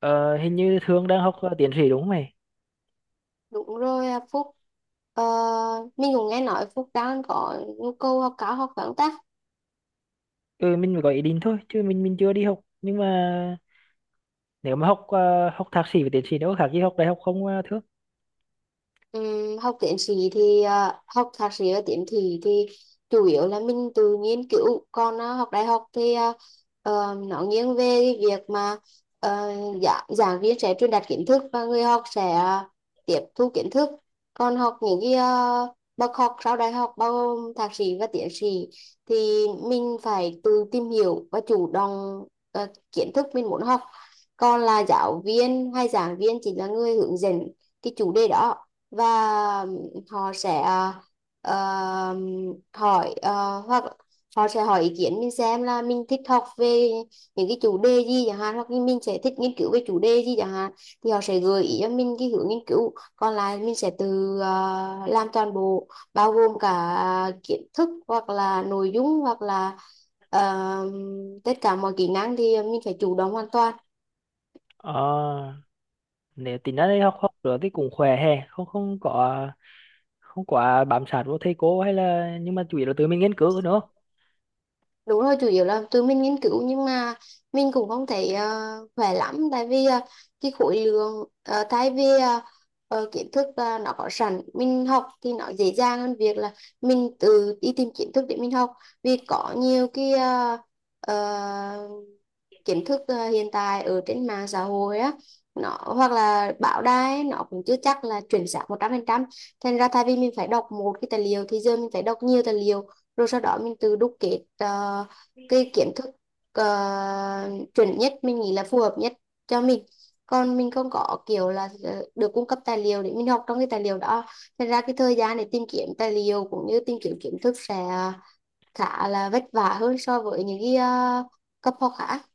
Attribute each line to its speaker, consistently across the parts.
Speaker 1: Ờ, Hình như Thương đang học tiến sĩ đúng không mày?
Speaker 2: Đúng rồi à, Phúc. Ờ, mình cũng nghe nói Phúc đang có nhu cầu học cao học vấn ta.
Speaker 1: Ừ, mình mới có ý định thôi, chứ mình chưa đi học. Nhưng mà nếu mà học học thạc sĩ và tiến sĩ đâu có khác gì học đại học không Thương?
Speaker 2: Học thạc sĩ và tiến sĩ thì chủ yếu là mình tự nghiên cứu, còn học đại học thì nó nghiêng về cái việc mà giảng viên sẽ truyền đạt kiến thức và người học sẽ tiếp thu kiến thức. Còn học những cái bậc học sau đại học bao gồm thạc sĩ và tiến sĩ thì mình phải tự tìm hiểu và chủ động kiến thức mình muốn học. Còn là giáo viên hay giảng viên chỉ là người hướng dẫn cái chủ đề đó, và họ sẽ ờ, hoặc họ sẽ hỏi ý kiến mình xem là mình thích học về những cái chủ đề gì chẳng hạn, hoặc như mình sẽ thích nghiên cứu về chủ đề gì chẳng hạn, thì họ sẽ gợi ý cho mình cái hướng nghiên cứu, còn lại mình sẽ tự làm toàn bộ, bao gồm cả kiến thức hoặc là nội dung hoặc là ờ, tất cả mọi kỹ năng thì mình phải chủ động hoàn toàn.
Speaker 1: Ờ, nếu tính ra đây học học nữa thì cũng khỏe hè, không không có không quá bám sát vô thầy cô hay là, nhưng mà chủ yếu là tự mình nghiên cứu nữa.
Speaker 2: Đúng rồi, chủ yếu là tụi mình nghiên cứu, nhưng mà mình cũng không thấy khỏe lắm. Tại vì cái khối lượng ờ, thay vì ờ, ờ, kiến thức nó có sẵn mình học thì nó dễ dàng hơn việc là mình tự đi tìm kiến thức để mình học. Vì có nhiều cái uh, kiến thức hiện tại ở trên mạng xã hội á, nó hoặc là báo đài nó cũng chưa chắc là chuẩn xác 100% Thành ra thay vì mình phải đọc một cái tài liệu thì giờ mình phải đọc nhiều tài liệu, rồi sau đó mình tự đúc kết cái kiến thức ờ, chuẩn nhất, mình nghĩ là phù hợp nhất cho mình. Còn mình không có kiểu là được cung cấp tài liệu để mình học trong cái tài liệu đó. Thành ra cái thời gian để tìm kiếm tài liệu cũng như tìm kiếm kiến thức sẽ khá là vất vả hơn so với những cái cấp học khác.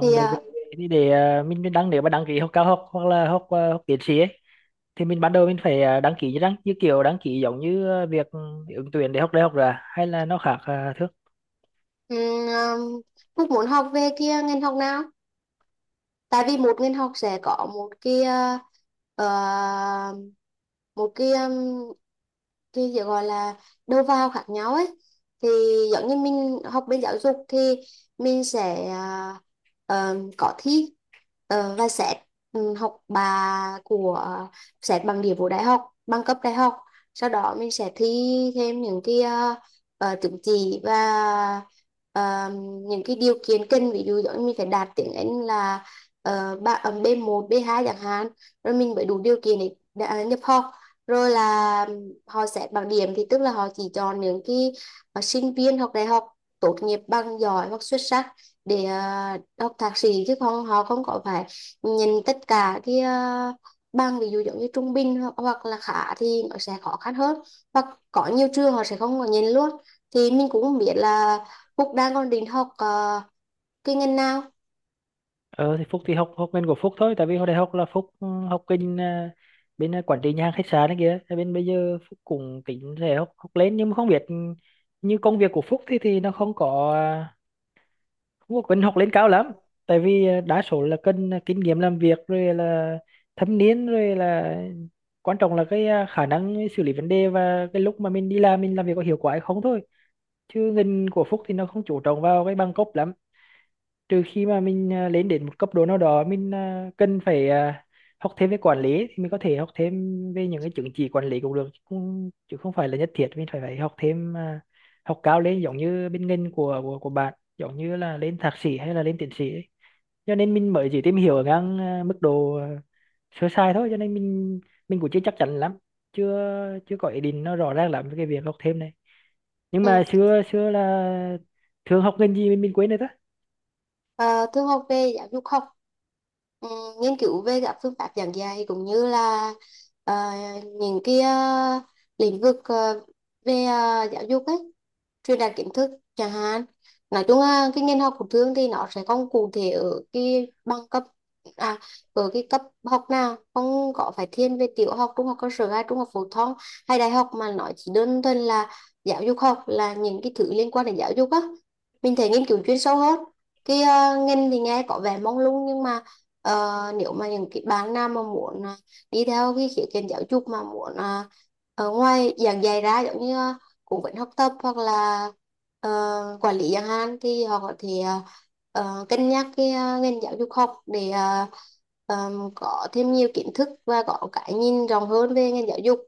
Speaker 2: Thì
Speaker 1: về về thì để mình đăng, nếu mà đăng ký học cao học hoặc là học học tiến sĩ ấy, thì mình ban đầu mình phải đăng ký như đăng, như kiểu đăng ký giống như việc ứng tuyển để học đại học rồi à? Hay là nó khác Thương?
Speaker 2: Ừ, um, Phúc muốn học về kia ngành học nào? Tại vì một ngành học sẽ có uh, một cái gì gọi là đầu vào khác nhau ấy. Thì giống như mình học bên giáo dục thì mình sẽ có thi và xét, ừ, học bà của à, xét bằng điểm của đại học, bằng cấp đại học. Sau đó mình sẽ thi thêm những cái uh, chứng chỉ và ờ, những cái điều kiện cần. Ví dụ giống như mình phải đạt tiếng Anh là B1 B2 chẳng hạn, rồi mình mới đủ điều kiện để đã nhập học. Rồi là họ xét bằng điểm, thì tức là họ chỉ chọn những cái sinh viên học đại học tốt nghiệp bằng giỏi hoặc xuất sắc để học thạc sĩ, chứ không, họ không có phải nhìn tất cả cái bằng. Ví dụ giống như trung bình hoặc là khá thì nó sẽ khó khăn hơn, hoặc có nhiều trường họ sẽ không có nhìn luôn. Thì mình cũng không biết là Phúc đang còn định học cái ngành nào.
Speaker 1: Ờ thì Phúc thì học học ngành của Phúc thôi, tại vì hồi đại học là Phúc học kinh bên quản trị nhà hàng khách sạn ấy kìa. Thế bên bây giờ Phúc cũng tính sẽ học học lên, nhưng mà không biết như công việc của Phúc thì nó không có không có cần học lên cao lắm. Tại vì đa số là cần kinh nghiệm làm việc, rồi là thâm niên, rồi là quan trọng là cái khả năng xử lý vấn đề và cái lúc mà mình đi làm mình làm việc có hiệu quả hay không thôi, chứ ngành của Phúc thì nó không chú trọng vào cái bằng cấp lắm. Trừ khi mà mình lên đến một cấp độ nào đó mình cần phải học thêm về quản lý, thì mình có thể học thêm về những cái chứng chỉ quản lý cũng được, chứ không phải là nhất thiết mình phải phải học thêm học cao lên giống như bên ngành của của bạn, giống như là lên thạc sĩ hay là lên tiến sĩ ấy. Cho nên mình mới chỉ tìm hiểu ở ngang mức độ sơ sài thôi, cho nên mình cũng chưa chắc chắn lắm, chưa chưa có ý định nó rõ ràng lắm với cái việc học thêm này. Nhưng
Speaker 2: Ừ.
Speaker 1: mà xưa xưa là thường học ngành gì mình quên rồi đó.
Speaker 2: Ờ, Thương học về giáo dục học, ừ, nghiên cứu về các phương pháp giảng dạy cũng như là ờ, những cái lĩnh vực về giáo dục ấy, truyền đạt kiến thức chẳng hạn. Nói chung là cái ngành học của Thương thì nó sẽ không cụ thể ở cái bằng cấp, à ở cái cấp học nào, không có phải thiên về tiểu học, trung học cơ sở hay trung học phổ thông hay đại học, mà nó chỉ đơn thuần là giáo dục học, là những cái thứ liên quan đến giáo dục á. Mình thấy nghiên cứu chuyên sâu hơn. Cái ngành thì nghe có vẻ mông lung, nhưng mà nếu mà những cái bạn nào mà muốn đi theo cái khía cạnh giáo dục mà muốn ở ngoài giảng dạy ra, giống như cũng vẫn học tập hoặc là ờ, quản lý chẳng hạn, thì họ có thể cân nhắc cái ngành giáo dục học để có thêm nhiều kiến thức và có cái nhìn rộng hơn về ngành giáo dục.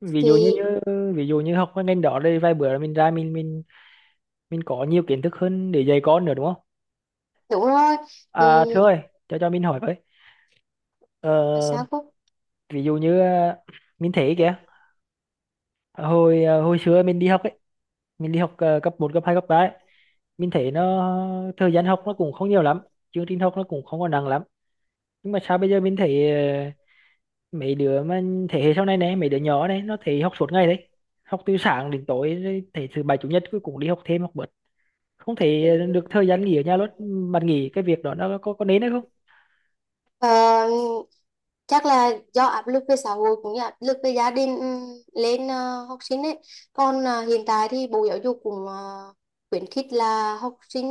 Speaker 1: ví dụ như,
Speaker 2: Thì
Speaker 1: như ví dụ như học cái ngành đó đây vài bữa mình ra mình mình có nhiều kiến thức hơn để dạy con nữa đúng không?
Speaker 2: đúng rồi.
Speaker 1: À, Thưa ơi,
Speaker 2: Ừm,
Speaker 1: cho mình hỏi với. Ờ,
Speaker 2: Sao Phúc?
Speaker 1: ví dụ như mình thấy kìa, hồi hồi xưa mình đi học ấy, mình đi học cấp một cấp 2 cấp 3 ấy, mình thấy nó thời gian học nó cũng không nhiều lắm, chương trình học nó cũng không có nặng lắm. Nhưng mà sao bây giờ mình thấy ờ, mấy đứa mà thế hệ sau này này, mấy đứa nhỏ này nó thấy học suốt ngày đấy, học từ sáng đến tối, rồi thấy thứ bảy chủ nhật cuối cùng đi học thêm học bữa, không thể được thời gian nghỉ ở nhà luôn. Bạn nghĩ cái việc đó nó có nên hay không?
Speaker 2: Ờ, Chắc là do áp lực về xã hội cũng như áp lực về gia đình lên học sinh ấy. Còn hiện tại thì Bộ Giáo dục cũng khuyến khích là học sinh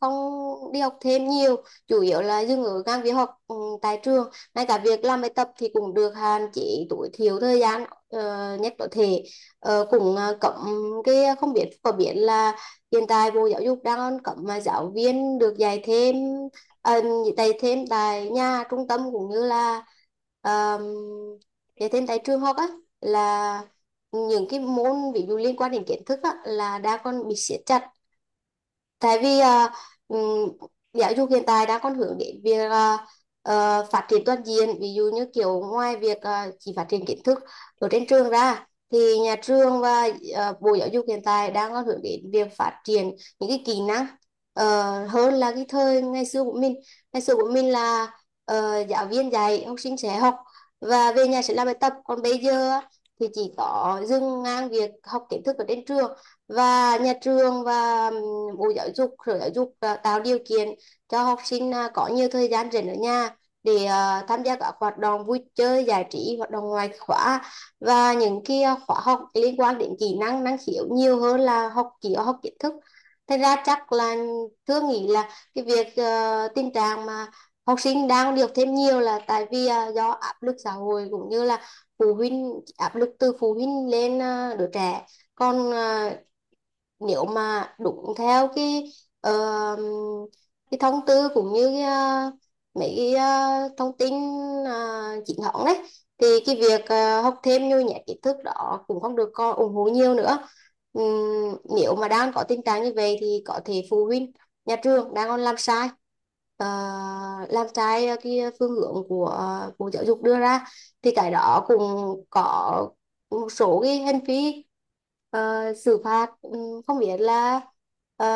Speaker 2: không đi học thêm nhiều, chủ yếu là dừng ở các việc học tại trường. Ngay cả việc làm bài tập thì cũng được hạn chế tối thiểu thời gian nhất có thể. Cũng cấm cái, không biết có biết là hiện tại Bộ Giáo dục đang cấm mà giáo viên được dạy thêm, dạy thêm tại nhà, trung tâm, cũng như là um, dạy thêm tại trường học á. Là những cái môn ví dụ liên quan đến kiến thức á, là đã còn bị siết chặt. Tại vì ừm, giáo dục hiện tại đang còn hướng đến việc phát triển toàn diện. Ví dụ như kiểu ngoài việc chỉ phát triển kiến thức ở trên trường ra, thì nhà trường và Bộ Giáo dục hiện tại đang có hướng đến việc phát triển những cái kỹ năng hơn là cái thời ngày xưa của mình. Ngày xưa của mình là giáo viên dạy, học sinh sẽ học, và về nhà sẽ làm bài tập. Còn bây giờ á, thì chỉ có dừng ngang việc học kiến thức ở trên trường, và nhà trường và Bộ Giáo dục, Sở Giáo dục tạo điều kiện cho học sinh có nhiều thời gian rảnh ở nhà, để tham gia các hoạt động vui chơi giải trí, hoạt động ngoài khóa và những cái khóa học liên quan đến kỹ năng, năng khiếu, nhiều hơn là học chỉ học kiến thức. Thành ra chắc là Thương nghĩ là cái việc tình trạng mà học sinh đang được thêm nhiều là tại vì do áp lực xã hội cũng như là phụ huynh áp lực từ phụ huynh lên đứa trẻ. Còn nếu mà đúng theo ờ, cái thông tư cũng như mấy cái thông tin chính thống đấy, thì cái việc học thêm nhồi nhét kiến thức đó cũng không được con ủng hộ nhiều nữa. Nếu mà đang có tình trạng như vậy thì có thể phụ huynh, nhà trường đang còn làm sai, ờ, cái phương hướng của Bộ Giáo dục đưa ra, thì cái đó cũng có một số cái hành vi xử phạt. Ừ, Không biết là ờ,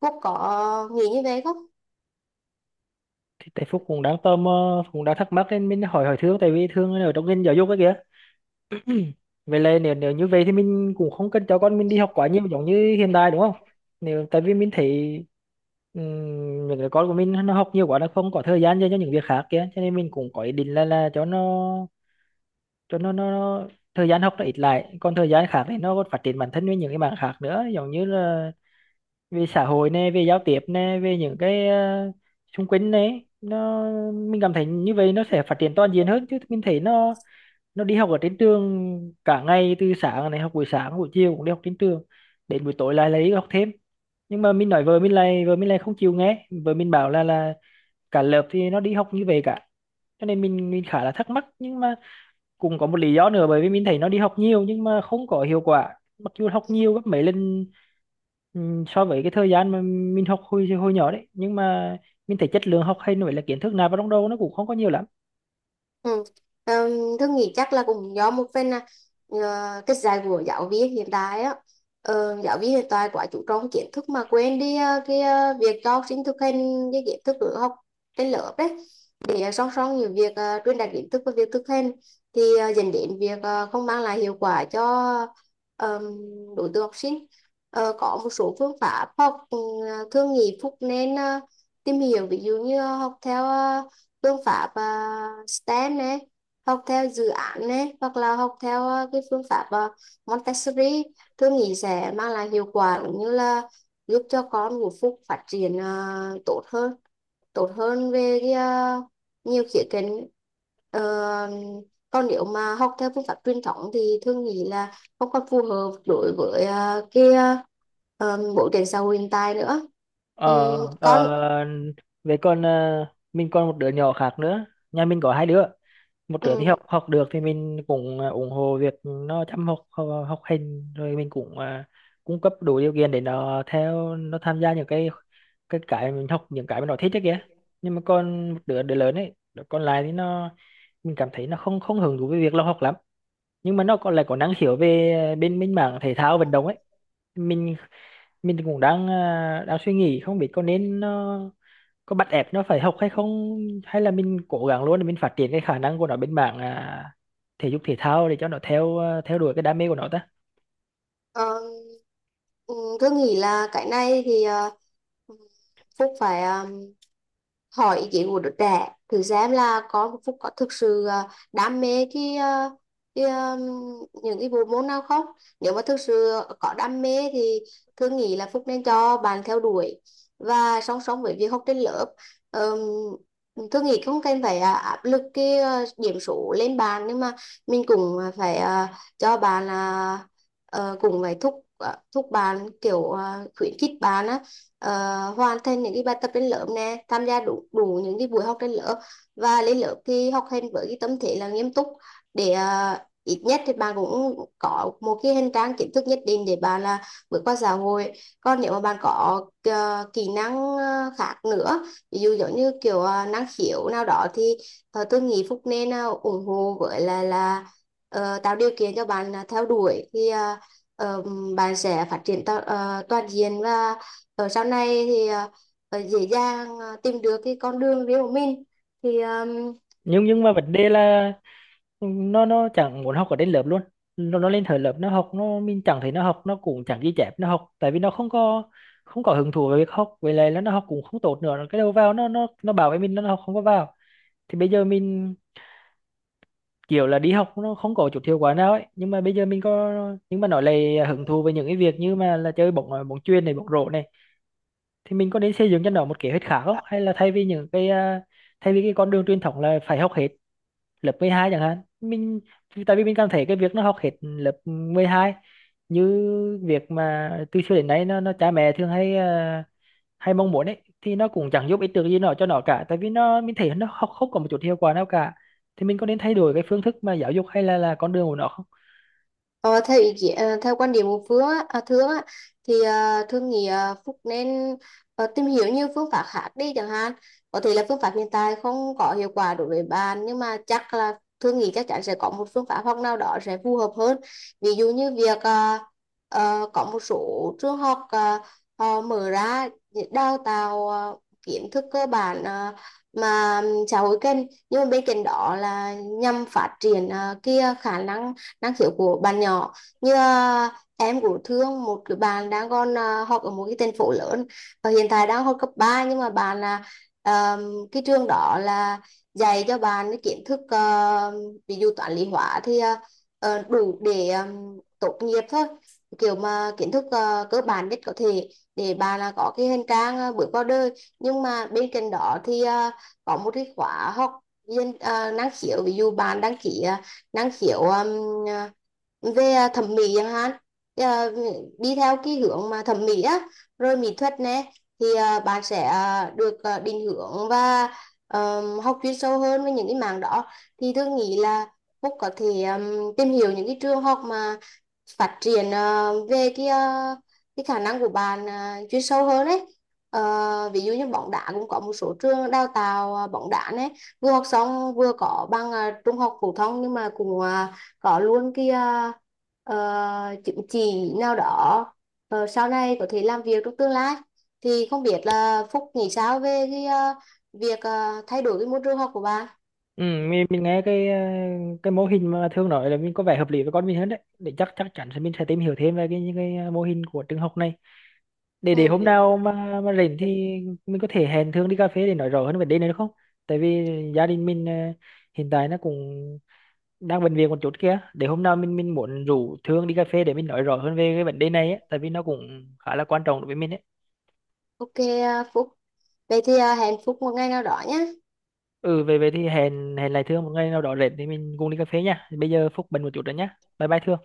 Speaker 2: Phúc có nghĩ như vậy không?
Speaker 1: Thì tại Phúc cũng đang tò mò cũng đang thắc mắc nên mình hỏi, hỏi Thương, tại vì Thương ở trong ngành giáo dục ấy kìa. Vậy là nếu nếu như vậy thì mình cũng không cần cho con mình đi học quá nhiều giống như hiện tại đúng không? Nếu tại vì mình thấy những đứa con của mình nó học nhiều quá, nó không có thời gian dành cho những việc khác kia, cho nên mình cũng có ý định là cho nó, cho nó thời gian học nó ít lại, còn thời gian khác thì nó còn phát triển bản thân với những cái mảng khác nữa, giống như là về xã hội nè, về giao tiếp nè, về những cái xung quanh đấy. Nó, mình cảm thấy như vậy nó sẽ phát triển toàn diện hơn, chứ mình thấy nó đi học ở trên trường cả ngày, từ sáng này học buổi sáng buổi chiều cũng đi học trên trường, đến buổi tối lại lại đi học thêm. Nhưng mà mình nói vợ mình, lại vợ mình lại không chịu nghe, vợ mình bảo là cả lớp thì nó đi học như vậy cả, cho nên mình khá là thắc mắc. Nhưng mà cũng có một lý do nữa, bởi vì mình thấy nó đi học nhiều nhưng mà không có hiệu quả, mặc dù học nhiều gấp mấy lần so với cái thời gian mà mình học hồi hồi nhỏ đấy, nhưng mà mình thấy chất lượng học hay nữa là kiến thức nạp vào trong đầu nó cũng không có nhiều lắm.
Speaker 2: Ừ. Tôi nghĩ chắc là cũng do một phần là ờ, cái dạy của giáo viên hiện tại á. Giáo viên hiện tại quá chú trọng kiến thức mà quên đi việc cho học sinh thực hành cái kiến thức ở học trên lớp đấy, để song song những việc truyền đạt kiến thức và việc thực hành, thì dẫn đến việc không mang lại hiệu quả cho ờm, đối tượng học sinh. Có một số phương pháp học thường nghị Phúc nên tìm hiểu, ví dụ như học theo phương pháp STEM này, học theo dự án này, hoặc là học theo cái phương pháp Montessori. Tôi nghĩ sẽ mang lại hiệu quả cũng như là giúp cho con của Phúc phát triển tốt hơn, tốt hơn về nhiều khía cạnh. Ờ, Còn nếu mà học theo phương pháp truyền thống thì Thương nghĩ là không còn phù hợp đối với cái bối cảnh xã hội hiện tại nữa.
Speaker 1: ờ
Speaker 2: Con
Speaker 1: ờ, về còn ờ, mình còn một đứa nhỏ khác nữa, nhà mình có hai đứa. Một đứa thì
Speaker 2: ừ,
Speaker 1: học học được thì mình cũng ủng hộ việc nó chăm học, học, học hành, rồi mình cũng cung cấp đủ điều kiện để nó theo, nó tham gia những cái, cái mình học, những cái mà nó thích đấy kìa. Nhưng mà còn một đứa, đứa lớn ấy, đứa còn lại thì nó, mình cảm thấy nó không không hứng thú với việc nó học lắm, nhưng mà nó còn lại có năng khiếu về bên bên mảng thể thao vận động ấy. mình mình cũng đang đang suy nghĩ không biết có nên nó có bắt ép nó phải học hay không, hay là mình cố gắng luôn để mình phát triển cái khả năng của nó bên mảng thể dục thể thao, để cho nó theo theo đuổi cái đam mê của nó ta.
Speaker 2: Ờ, ừ, Tôi nghĩ là cái này thì Phúc phải hỏi ý kiến của đứa trẻ, thử xem là con của Phúc có thực sự đam mê cái ờ, những cái bộ môn nào không. Nếu mà thực sự có đam mê thì Thương nghĩ là Phúc nên cho bạn theo đuổi, và song song với việc học trên lớp, tôi nghĩ không cần phải áp lực cái điểm số lên bàn, nhưng mà mình cũng phải cho bạn cũng phải thúc bạn kiểu khuyến khích bạn á, ờ, hoàn thành những cái bài tập trên lớp nè, tham gia đủ đủ những cái buổi học trên lớp, và lên lớp thì học hành với cái tâm thế là nghiêm túc, để ít nhất thì bạn cũng có một cái hành trang kiến thức nhất định để bạn là bước qua xã hội. Còn nếu mà bạn có kỹ năng khác nữa, ví dụ giống như kiểu năng khiếu nào đó, thì tôi nghĩ Phúc nên ủng hộ với là tạo điều kiện cho bạn là theo đuổi, thì ờ, bạn sẽ phát triển toàn diện, và ở sau này thì dễ dàng tìm được cái con đường riêng của mình. thì à,
Speaker 1: Nhưng mà vấn đề là nó chẳng muốn học ở trên lớp luôn. Nó lên thời lớp nó học, nó mình chẳng thấy nó học, nó cũng chẳng ghi chép nó học, tại vì nó không có không có hứng thú với việc học, với lại là nó học cũng không tốt nữa, cái đầu vào nó bảo với mình nó học không có vào. Thì bây giờ mình kiểu là đi học nó không có chút hiệu quả nào ấy, nhưng mà bây giờ mình có, nhưng mà nói lại hứng thú với những cái việc như mà là chơi bóng bóng chuyền này, bóng rổ này. Thì mình có nên xây dựng cho nó một kế hoạch khác không, hay là thay vì những cái thay vì cái con đường truyền thống là phải học hết lớp 12 chẳng hạn, mình tại vì mình cảm thấy cái việc nó học hết lớp 12 như việc mà từ xưa đến nay nó cha mẹ thường hay hay mong muốn ấy, thì nó cũng chẳng giúp ích được gì nó cho nó cả, tại vì nó mình thấy nó không, không có một chút hiệu quả nào cả. Thì mình có nên thay đổi cái phương thức mà giáo dục hay là con đường của nó không?
Speaker 2: Ờ, theo ý kiến, ờ, Theo quan điểm của Thương á, thì Thương nghĩ Phúc nên tìm hiểu nhiều phương pháp khác đi chẳng hạn. Có thể là phương pháp hiện tại không có hiệu quả đối với bạn, nhưng mà chắc là Thương nghĩ chắc chắn sẽ có một phương pháp học nào đó sẽ phù hợp hơn. Ví dụ như việc có một số trường học họ mở ra để đào tạo kiến thức cơ bản mà xã hội cần, nhưng mà bên cạnh đó là nhằm phát triển cái khả năng năng khiếu của bạn nhỏ. Như em của Thương, một cái bạn đang còn học ở một cái thành phố lớn và hiện tại đang học cấp ba, nhưng mà à, cái trường đó là dạy cho bạn cái kiến thức ví dụ toán lý hóa thì đủ để tốt nghiệp thôi, kiểu mà kiến thức cơ bản nhất có thể, để bà là có cái hành trang bước vào đời. Nhưng mà bên cạnh đó thì có một cái khóa học viên năng khiếu, ví dụ bạn đăng ký năng khiếu về thẩm mỹ chẳng hạn. Thì, à, Đi theo cái hướng mà thẩm mỹ á, rồi mỹ thuật nè, thì bạn sẽ được định hướng và học chuyên sâu hơn với những cái mảng đó. Thì tôi nghĩ là Phúc có thể tìm hiểu những cái trường học mà phát triển về cái khả năng của bạn chuyên sâu hơn đấy. Ví dụ như bóng đá cũng có một số trường đào tạo bóng đá đấy, vừa học xong vừa có bằng trung học phổ thông, nhưng mà cũng có luôn cái chứng chỉ nào đó, sau này có thể làm việc trong tương lai. Thì không biết là Phúc nghĩ sao về cái việc thay đổi cái môi trường học của bạn.
Speaker 1: Ừ, mình nghe cái cái mô hình mà Thương nói là mình có vẻ hợp lý với con mình hơn đấy, để chắc chắc chắn sẽ mình sẽ tìm hiểu thêm về cái những cái mô hình của trường học này. để
Speaker 2: ừ.
Speaker 1: để hôm nào mà rảnh thì mình có thể hẹn Thương đi cà phê để nói rõ hơn vấn đề này được không? Tại vì gia đình mình hiện tại nó cũng đang bệnh viện một chút kia, để hôm nào mình muốn rủ Thương đi cà phê để mình nói rõ hơn về cái vấn đề này ấy, tại vì nó cũng khá là quan trọng đối với mình ấy.
Speaker 2: Ok Phúc, vậy thì hẹn Phúc một ngày nào đó nhé.
Speaker 1: Ừ về về thì hẹn, hẹn lại Thương một ngày nào đó rảnh thì mình cùng đi cà phê nha. Bây giờ Phúc bận một chút rồi nhá, bye bye Thương.